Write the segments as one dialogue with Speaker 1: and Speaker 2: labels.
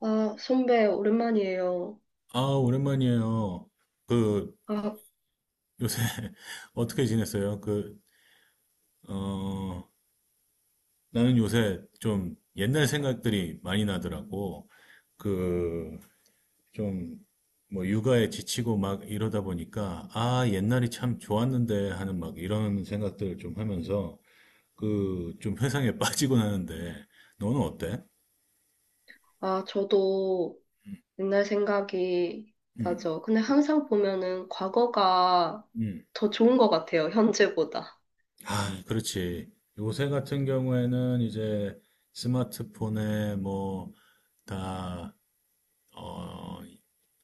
Speaker 1: 아, 선배, 오랜만이에요.
Speaker 2: 아, 오랜만이에요. 그,
Speaker 1: 아,
Speaker 2: 요새, 어떻게 지냈어요? 어, 나는 요새 좀 옛날 생각들이 많이 나더라고. 그, 좀, 뭐, 육아에 지치고 막 이러다 보니까, 아, 옛날이 참 좋았는데 하는 막 이런 생각들을 좀 하면서, 좀 회상에 빠지곤 하는데, 너는 어때?
Speaker 1: 저도 옛날 생각이
Speaker 2: 음,
Speaker 1: 나죠. 근데 항상 보면은 과거가
Speaker 2: 음.
Speaker 1: 더 좋은 것 같아요, 현재보다.
Speaker 2: 아, 그렇지. 요새 같은 경우에는 이제 스마트폰에 뭐, 다, 어,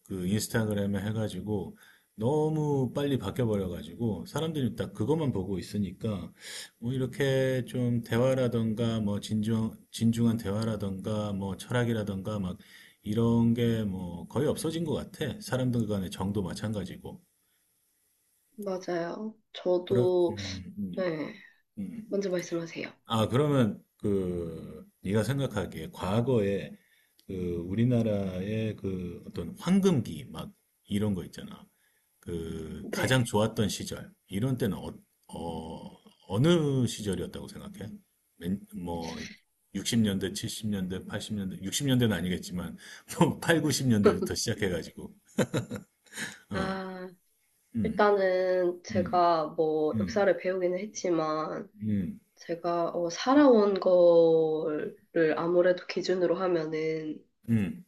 Speaker 2: 그 인스타그램에 해가지고 너무 빨리 바뀌어버려가지고 사람들이 딱 그것만 보고 있으니까 뭐 이렇게 좀 대화라던가 뭐 진중한 대화라던가 뭐 철학이라던가 막 이런 게 뭐 거의 없어진 것 같아. 사람들 간의 정도 마찬가지고.
Speaker 1: 맞아요.
Speaker 2: 그런,
Speaker 1: 저도, 네.
Speaker 2: 음.
Speaker 1: 먼저 말씀하세요.
Speaker 2: 아, 그러면 그 네가 생각하기에 과거에 그 우리나라의 그 어떤 황금기 막 이런 거 있잖아. 그 가장
Speaker 1: 네.
Speaker 2: 좋았던 시절 이런 때는 느 시절이었다고 생각해? 뭐 60년대, 70년대, 80년대, 60년대는 아니겠지만 뭐 8, 90년대부터 시작해가지고 어,
Speaker 1: 아,
Speaker 2: 음,
Speaker 1: 일단은
Speaker 2: 음,
Speaker 1: 제가 뭐
Speaker 2: 음,
Speaker 1: 역사를 배우기는 했지만,
Speaker 2: 음,
Speaker 1: 제가 살아온 거를 아무래도 기준으로 하면은
Speaker 2: 음.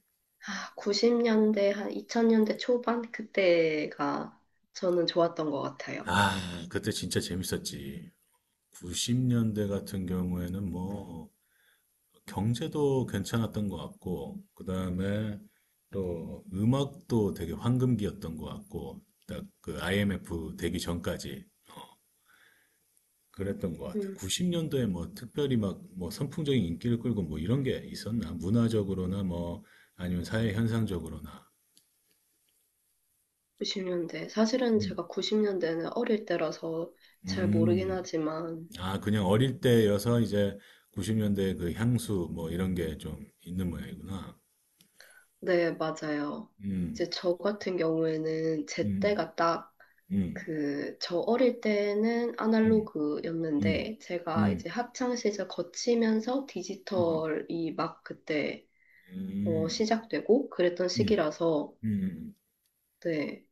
Speaker 1: 아, 90년대, 한 2000년대 초반? 그때가 저는 좋았던 것 같아요.
Speaker 2: 아, 그때 진짜 재밌었지. 90년대 같은 경우에는 뭐 경제도 괜찮았던 것 같고 그다음에 또 음악도 되게 황금기였던 것 같고 딱 그 IMF 되기 전까지 그랬던 것 같아.
Speaker 1: 음,
Speaker 2: 90년도에 뭐 특별히 막 뭐 선풍적인 인기를 끌고 뭐 이런 게 있었나? 문화적으로나 뭐 아니면 사회 현상적으로나.
Speaker 1: 90년대. 사실은
Speaker 2: 음.
Speaker 1: 제가 90년대는 어릴 때라서 잘 모르긴
Speaker 2: 음,
Speaker 1: 하지만,
Speaker 2: 아, 그냥 어릴 때여서 이제 90년대 그 향수 뭐 이런 게 좀 있는 모양이구나.
Speaker 1: 네, 맞아요.
Speaker 2: 음,
Speaker 1: 이제 저 같은 경우에는 제
Speaker 2: 음.
Speaker 1: 때가 딱
Speaker 2: 음.
Speaker 1: 그, 저 어릴 때는
Speaker 2: 음. 음.
Speaker 1: 아날로그였는데, 제가
Speaker 2: 음.
Speaker 1: 이제 학창 시절 거치면서
Speaker 2: 음.
Speaker 1: 디지털이 막 그때
Speaker 2: 음.
Speaker 1: 시작되고 그랬던
Speaker 2: 음.
Speaker 1: 시기라서,
Speaker 2: 음.
Speaker 1: 네,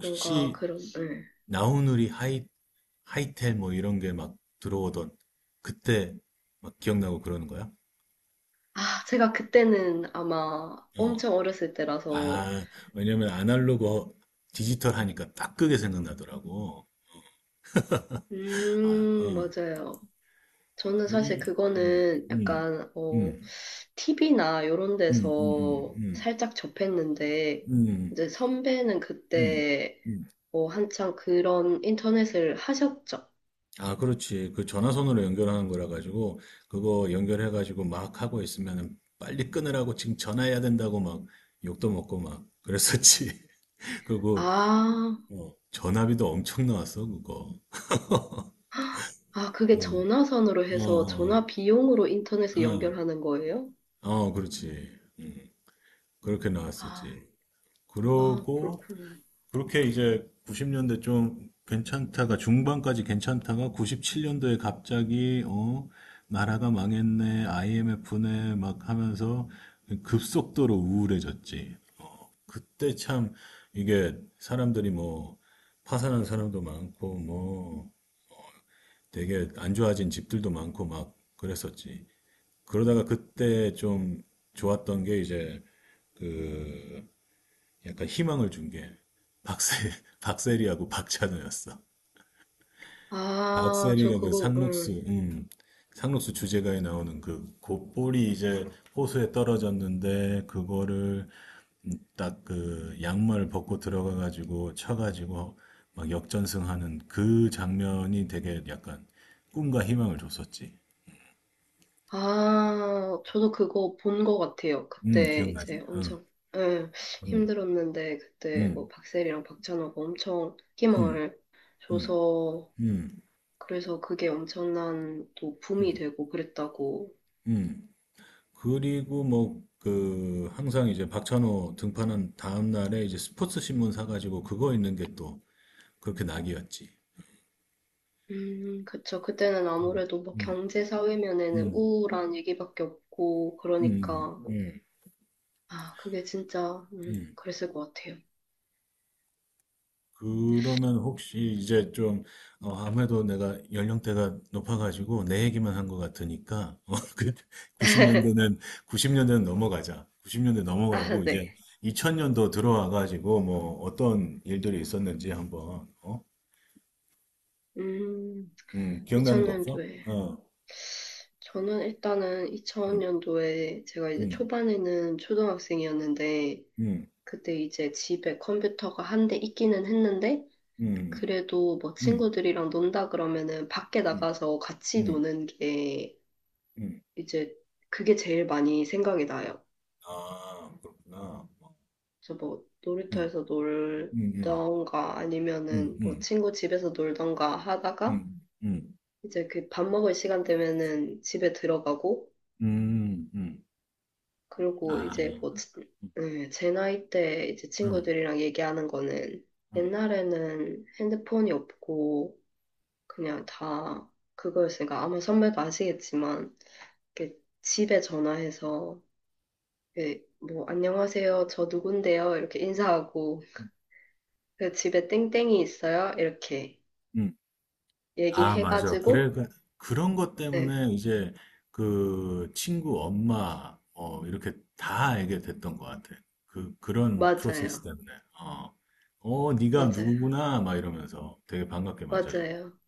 Speaker 1: 뭔가 그런, 네.
Speaker 2: 나우누리 하이텔 뭐 이런 게 막 들어오던 그때 막 기억나고 그러는 거야?
Speaker 1: 아, 제가 그때는 아마
Speaker 2: 어.
Speaker 1: 엄청 어렸을 때라서,
Speaker 2: 아, 왜냐면 아날로그 디지털 하니까 딱 그게 생각나더라고. 아, 어.
Speaker 1: 맞아요. 저는 사실
Speaker 2: 우리
Speaker 1: 그거는
Speaker 2: 음.
Speaker 1: 약간, 어,
Speaker 2: 음.
Speaker 1: TV나 이런
Speaker 2: 음. 음.
Speaker 1: 데서
Speaker 2: 음.
Speaker 1: 살짝 접했는데,
Speaker 2: 음. 음.
Speaker 1: 이제 선배는
Speaker 2: 음.
Speaker 1: 그때,
Speaker 2: 음.
Speaker 1: 한창 그런 인터넷을 하셨죠.
Speaker 2: 아, 그렇지. 그 전화선으로 연결하는 거라 가지고 그거 연결해 가지고 막 하고 있으면은 빨리 끊으라고 지금 전화해야 된다고 막 욕도 먹고 막 그랬었지. 그리고
Speaker 1: 아,
Speaker 2: 전화비도 엄청 나왔어, 그거.
Speaker 1: 그게
Speaker 2: 응.
Speaker 1: 전화선으로
Speaker 2: 어,
Speaker 1: 해서
Speaker 2: 어,
Speaker 1: 전화 비용으로 인터넷을
Speaker 2: 어,
Speaker 1: 연결하는 거예요?
Speaker 2: 어, 그렇지. 그렇게
Speaker 1: 아,
Speaker 2: 나왔었지.
Speaker 1: 아,
Speaker 2: 그러고
Speaker 1: 그렇구나.
Speaker 2: 그렇게 이제 90년대 좀 괜찮다가 중반까지 괜찮다가 97년도에 갑자기 나라가 망했네 IMF네 막 하면서 급속도로 우울해졌지. 그때 참 이게 사람들이 뭐 파산한 사람도 많고 뭐 되게 안 좋아진 집들도 많고 막 그랬었지. 그러다가 그때 좀 좋았던 게 이제 그 약간 희망을 준 게 박세 박세리하고 박찬호였어.
Speaker 1: 아, 저
Speaker 2: 박세리가 그
Speaker 1: 그거,
Speaker 2: 상록수 주제가에 나오는 그 곧볼이 이제 호수에 떨어졌는데 그거를 딱 그 양말 벗고 들어가 가지고 쳐 가지고 막 역전승하는 그 장면이 되게 약간 꿈과 희망을 줬었지.
Speaker 1: 아, 저도 그거 본 것 같아요. 그때
Speaker 2: 기억나지?
Speaker 1: 이제
Speaker 2: 어.
Speaker 1: 엄청 예,
Speaker 2: 음.
Speaker 1: 힘들었는데 그때 뭐
Speaker 2: 음.
Speaker 1: 박세리랑 박찬호가 엄청
Speaker 2: 음.
Speaker 1: 힘을
Speaker 2: 음.
Speaker 1: 줘서
Speaker 2: 음.
Speaker 1: 그래서 그게 엄청난 또 붐이
Speaker 2: 음.
Speaker 1: 되고 그랬다고.
Speaker 2: 음. 그리고 뭐, 항상 이제 박찬호 등판한 다음날에 이제 스포츠 신문 사가지고 그거 있는 게 또 그렇게 낙이었지.
Speaker 1: 그쵸. 그때는
Speaker 2: 음,
Speaker 1: 아무래도 뭐
Speaker 2: 음,
Speaker 1: 경제 사회면에는
Speaker 2: 음,
Speaker 1: 우울한 얘기밖에 없고 그러니까
Speaker 2: 음,
Speaker 1: 뭐,
Speaker 2: 음,
Speaker 1: 아, 그게 진짜
Speaker 2: 음.
Speaker 1: 그랬을 것 같아요.
Speaker 2: 그러면 혹시 이제 좀, 아무래도 내가 연령대가 높아가지고 내 얘기만 한 것 같으니까, 90년대는, 90년대는 넘어가자. 90년대
Speaker 1: 아,
Speaker 2: 넘어가고
Speaker 1: 네.
Speaker 2: 이제 2000년도 들어와가지고 뭐 어떤 일들이 있었는지 한번, 어?
Speaker 1: 음,
Speaker 2: 기억나는 거 없어?
Speaker 1: 2000년도에.
Speaker 2: 어.
Speaker 1: 저는 일단은
Speaker 2: 음.
Speaker 1: 2000년도에 제가 이제
Speaker 2: 음.
Speaker 1: 초반에는 초등학생이었는데
Speaker 2: 음.
Speaker 1: 그때 이제 집에 컴퓨터가 한 대 있기는 했는데
Speaker 2: 음.
Speaker 1: 그래도 뭐
Speaker 2: 음.
Speaker 1: 친구들이랑 논다 그러면은 밖에
Speaker 2: 음.
Speaker 1: 나가서 같이
Speaker 2: 음.
Speaker 1: 노는 게
Speaker 2: 음.
Speaker 1: 이제 그게 제일 많이 생각이 나요.
Speaker 2: 아, 그렇구나.
Speaker 1: 그래서 뭐
Speaker 2: 음.
Speaker 1: 놀이터에서
Speaker 2: 음,
Speaker 1: 놀던가
Speaker 2: 음음.
Speaker 1: 아니면은 뭐
Speaker 2: 음.
Speaker 1: 친구 집에서 놀던가 하다가
Speaker 2: 음. 음.
Speaker 1: 이제 그 밥 먹을 시간 되면은 집에 들어가고
Speaker 2: 음.
Speaker 1: 그리고
Speaker 2: 아.
Speaker 1: 이제 뭐,
Speaker 2: 음.
Speaker 1: 네, 제 나이 때 이제
Speaker 2: 음.
Speaker 1: 친구들이랑 얘기하는 거는
Speaker 2: 음.
Speaker 1: 옛날에는 핸드폰이 없고 그냥 다 그거였으니까 아마 선배도 아시겠지만 이렇게 집에 전화해서 이렇게 뭐 안녕하세요 저 누군데요 이렇게 인사하고 그 집에 땡땡이 있어요 이렇게
Speaker 2: 음. 아, 맞아.
Speaker 1: 얘기해가지고
Speaker 2: 그러니까 그런 것
Speaker 1: 네
Speaker 2: 때문에 이제 그 친구 엄마 이렇게 다 알게 됐던 것 같아. 그런 프로세스
Speaker 1: 맞아요
Speaker 2: 때문에. 어. 네가
Speaker 1: 맞아요
Speaker 2: 누구구나 막 이러면서 되게 반갑게 맞아주고.
Speaker 1: 맞아요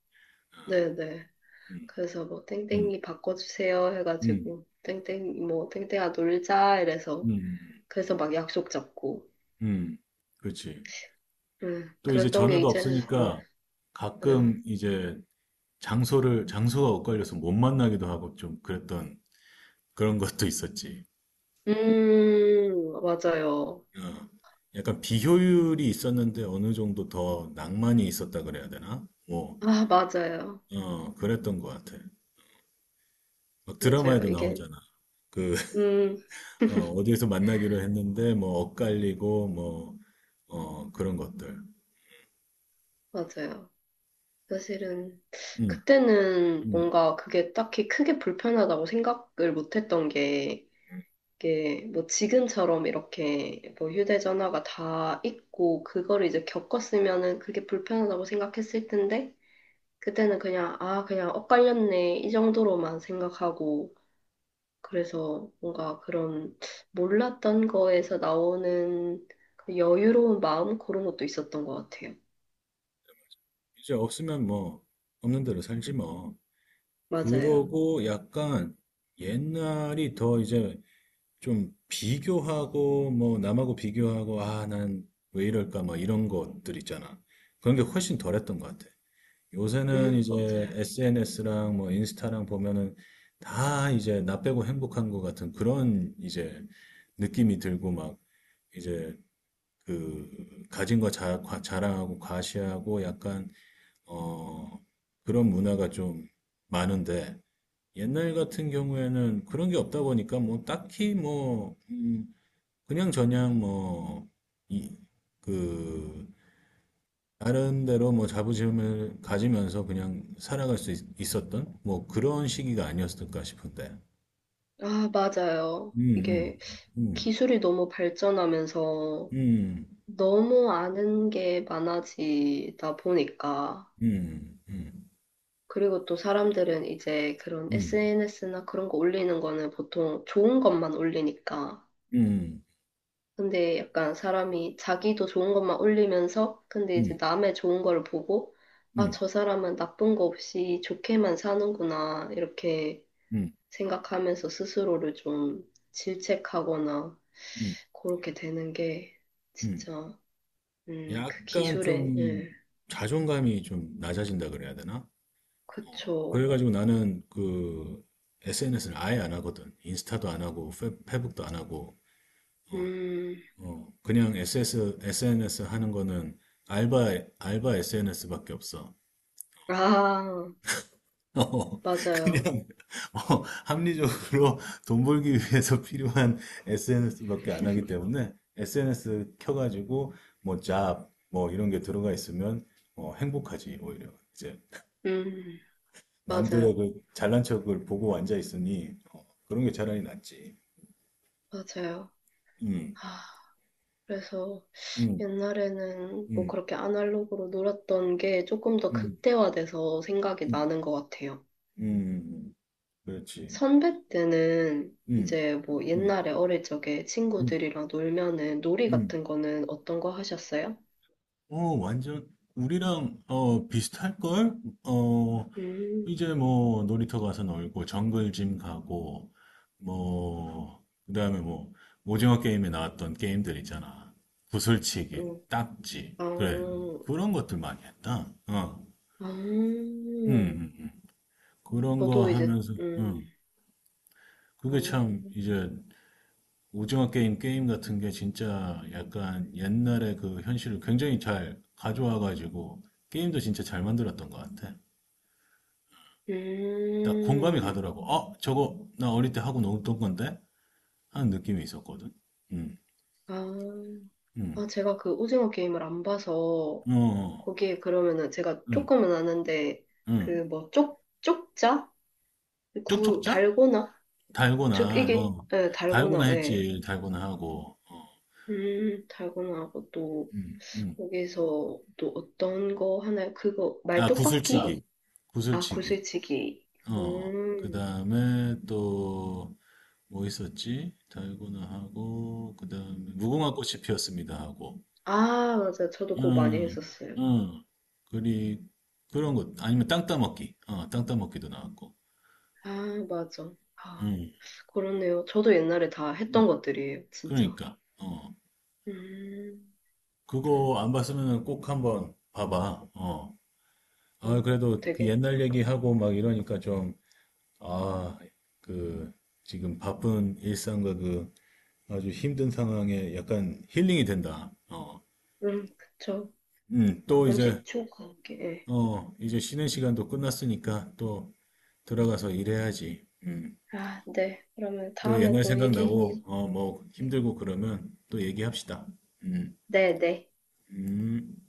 Speaker 1: 네네
Speaker 2: 음.
Speaker 1: 그래서 뭐
Speaker 2: 음.
Speaker 1: 땡땡이 바꿔주세요
Speaker 2: 음.
Speaker 1: 해가지고 땡땡 뭐 땡땡아 놀자 이래서
Speaker 2: 음.
Speaker 1: 그래서 막 약속 잡고
Speaker 2: 음, 그렇지. 또 이제
Speaker 1: 그랬던 게
Speaker 2: 전화가
Speaker 1: 이제는
Speaker 2: 없으니까
Speaker 1: 네.
Speaker 2: 가끔 이제 장소가 엇갈려서 못 만나기도 하고 좀 그랬던 그런 것도 있었지.
Speaker 1: 맞아요
Speaker 2: 어, 약간 비효율이 있었는데 어느 정도 더 낭만이 있었다 그래야 되나? 뭐,
Speaker 1: 아 맞아요
Speaker 2: 그랬던 것 같아. 막
Speaker 1: 맞아요
Speaker 2: 드라마에도
Speaker 1: 이게
Speaker 2: 나오잖아. 그,
Speaker 1: 음
Speaker 2: 어디에서 만나기로 했는데 뭐 엇갈리고 뭐, 그런 것들.
Speaker 1: 맞아요 사실은
Speaker 2: 음,
Speaker 1: 그때는
Speaker 2: 음.
Speaker 1: 뭔가 그게 딱히 크게 불편하다고 생각을 못했던 게 이게 뭐 지금처럼 이렇게 뭐 휴대전화가 다 있고 그걸 이제 겪었으면은 그게 불편하다고 생각했을 텐데 그때는 그냥 아 그냥 엇갈렸네 이 정도로만 생각하고 그래서 뭔가 그런 몰랐던 거에서 나오는 그 여유로운 마음 그런 것도 있었던 것 같아요.
Speaker 2: 이제 없으면 뭐, 없는 대로 살지 뭐.
Speaker 1: 맞아요.
Speaker 2: 그러고 약간 옛날이 더 이제 좀 비교하고 뭐 남하고 비교하고 아, 난 왜 이럴까 뭐 이런 것들 있잖아. 그런 게 훨씬 덜했던 것 같아. 요새는 이제
Speaker 1: 맞아요.
Speaker 2: SNS랑 뭐 인스타랑 보면은 다 이제 나 빼고 행복한 것 같은 그런 이제 느낌이 들고 막 이제 그 가진 거 자랑하고 과시하고 약간 어 그런 문화가 좀 많은데 옛날 같은 경우에는 그런 게 없다 보니까 뭐 딱히 뭐 그냥 저냥 뭐 이, 그 다른 데로 뭐 자부심을 가지면서 그냥 살아갈 수 있, 었던뭐 그런 시기가 아니었을까 싶은데.
Speaker 1: 아, 맞아요.
Speaker 2: 음,
Speaker 1: 이게
Speaker 2: 음,
Speaker 1: 기술이 너무 발전하면서
Speaker 2: 음, 음,
Speaker 1: 너무 아는 게 많아지다 보니까,
Speaker 2: 음, 음,
Speaker 1: 그리고 또 사람들은 이제 그런
Speaker 2: 음,
Speaker 1: SNS나 그런 거 올리는 거는 보통 좋은 것만 올리니까.
Speaker 2: 음,
Speaker 1: 근데 약간 사람이 자기도 좋은 것만 올리면서, 근데 이제
Speaker 2: 음,
Speaker 1: 남의 좋은 걸 보고,
Speaker 2: 음,
Speaker 1: 아,
Speaker 2: 음,
Speaker 1: 저 사람은 나쁜 거 없이 좋게만 사는구나, 이렇게
Speaker 2: 음.
Speaker 1: 생각하면서 스스로를 좀 질책하거나,
Speaker 2: 음,
Speaker 1: 그렇게 되는 게
Speaker 2: 음.
Speaker 1: 진짜, 그
Speaker 2: 약간
Speaker 1: 기술의,
Speaker 2: 좀
Speaker 1: 예,
Speaker 2: 자존감이 좀 낮아진다 그래야 되나?
Speaker 1: 그쵸.
Speaker 2: 그래가지고 나는 그 SNS를 아예 안 하거든. 인스타도 안 하고, 페북도 안 하고, 어,
Speaker 1: 음,
Speaker 2: 그냥 SNS 하는 거는 알바 SNS밖에 없어.
Speaker 1: 아,
Speaker 2: 어,
Speaker 1: 맞아요.
Speaker 2: 그냥, 합리적으로 돈 벌기 위해서 필요한 SNS밖에 안 하기 때문에 SNS 켜가지고, 뭐, 뭐, 이런 게 들어가 있으면, 행복하지, 오히려. 이제,
Speaker 1: 음,
Speaker 2: 남들의
Speaker 1: 맞아요.
Speaker 2: 그 잘난 척을 보고 앉아 있으니, 그런 게 차라리 낫지.
Speaker 1: 맞아요.
Speaker 2: 음,
Speaker 1: 아, 그래서
Speaker 2: 음,
Speaker 1: 옛날에는 뭐
Speaker 2: 음,
Speaker 1: 그렇게 아날로그로 놀았던 게 조금 더
Speaker 2: 음,
Speaker 1: 극대화돼서 생각이
Speaker 2: 음,
Speaker 1: 나는 것 같아요.
Speaker 2: 음, 그렇지.
Speaker 1: 선배 때는
Speaker 2: 음,
Speaker 1: 이제 뭐
Speaker 2: 음,
Speaker 1: 옛날에 어릴 적에
Speaker 2: 음,
Speaker 1: 친구들이랑 놀면은 놀이
Speaker 2: 음.
Speaker 1: 같은 거는 어떤 거 하셨어요?
Speaker 2: 완전 우리랑 비슷할걸? 어,
Speaker 1: 음,
Speaker 2: 이제 뭐 놀이터 가서 놀고 정글짐 가고 뭐 그다음에 뭐 오징어 게임에 나왔던 게임들 있잖아. 구슬치기,
Speaker 1: 음,
Speaker 2: 딱지. 그래.
Speaker 1: 아,
Speaker 2: 그런 것들 많이 했다. 어.
Speaker 1: 아,
Speaker 2: 음, 음, 음. 그런 거
Speaker 1: 저도 이제,
Speaker 2: 하면서
Speaker 1: 아,
Speaker 2: 그게 참 이제 오징어 게임 같은 게 진짜 약간 옛날의 그 현실을 굉장히 잘 가져와가지고 게임도 진짜 잘 만들었던 것 같아. 딱 공감이
Speaker 1: 음,
Speaker 2: 가더라고. 저거 나 어릴 때 하고 놀던 건데? 하는 느낌이 있었거든. 응,
Speaker 1: 아.
Speaker 2: 응,
Speaker 1: 아, 제가 그 오징어 게임을 안 봐서,
Speaker 2: 어,
Speaker 1: 거기에 그러면은 제가
Speaker 2: 응,
Speaker 1: 조금은 아는데, 그
Speaker 2: 응.
Speaker 1: 뭐, 쪽자? 구,
Speaker 2: 쪽쪽자?
Speaker 1: 달고나? 즉,
Speaker 2: 달고나,
Speaker 1: 이게, 네, 달고나,
Speaker 2: 달고나
Speaker 1: 네.
Speaker 2: 했지, 달고나 하고, 어,
Speaker 1: 달고나하고 또,
Speaker 2: 응, 응.
Speaker 1: 거기서 또 어떤 거 하나요? 그거,
Speaker 2: 아,
Speaker 1: 말뚝박기? 아,
Speaker 2: 구슬치기.
Speaker 1: 아,
Speaker 2: 구슬치기.
Speaker 1: 구슬치기.
Speaker 2: 그
Speaker 1: 음,
Speaker 2: 다음에 또, 뭐 있었지? 달고나 하고, 그 다음에, 무궁화 꽃이 피었습니다 하고,
Speaker 1: 아, 맞아요. 저도 그거 많이
Speaker 2: 응,
Speaker 1: 했었어요.
Speaker 2: 응, 그리, 그런 것, 아니면 땅 따먹기, 땅 따먹기도 나왔고,
Speaker 1: 아, 맞아. 아,
Speaker 2: 응,
Speaker 1: 그렇네요. 저도 옛날에 다
Speaker 2: 응.
Speaker 1: 했던 것들이에요, 진짜.
Speaker 2: 그러니까,
Speaker 1: 음,
Speaker 2: 그거 안 봤으면 꼭 한번 봐봐, 어. 아,
Speaker 1: 어,
Speaker 2: 그래도 그
Speaker 1: 되게.
Speaker 2: 옛날 얘기하고 막 이러니까 좀, 아, 그, 지금 바쁜 일상과 그 아주 힘든 상황에 약간 힐링이 된다, 어.
Speaker 1: 그쵸.
Speaker 2: 또 이제
Speaker 1: 가끔씩 추억 관계. 예.
Speaker 2: 이제 쉬는 시간도 끝났으니까 또 들어가서 일해야지. 음.
Speaker 1: 아, 네. 그러면
Speaker 2: 또
Speaker 1: 다음에
Speaker 2: 옛날
Speaker 1: 또 얘기.
Speaker 2: 생각나고, 뭐 힘들고 그러면 또 얘기합시다. 음.
Speaker 1: 네, 네.
Speaker 2: 음.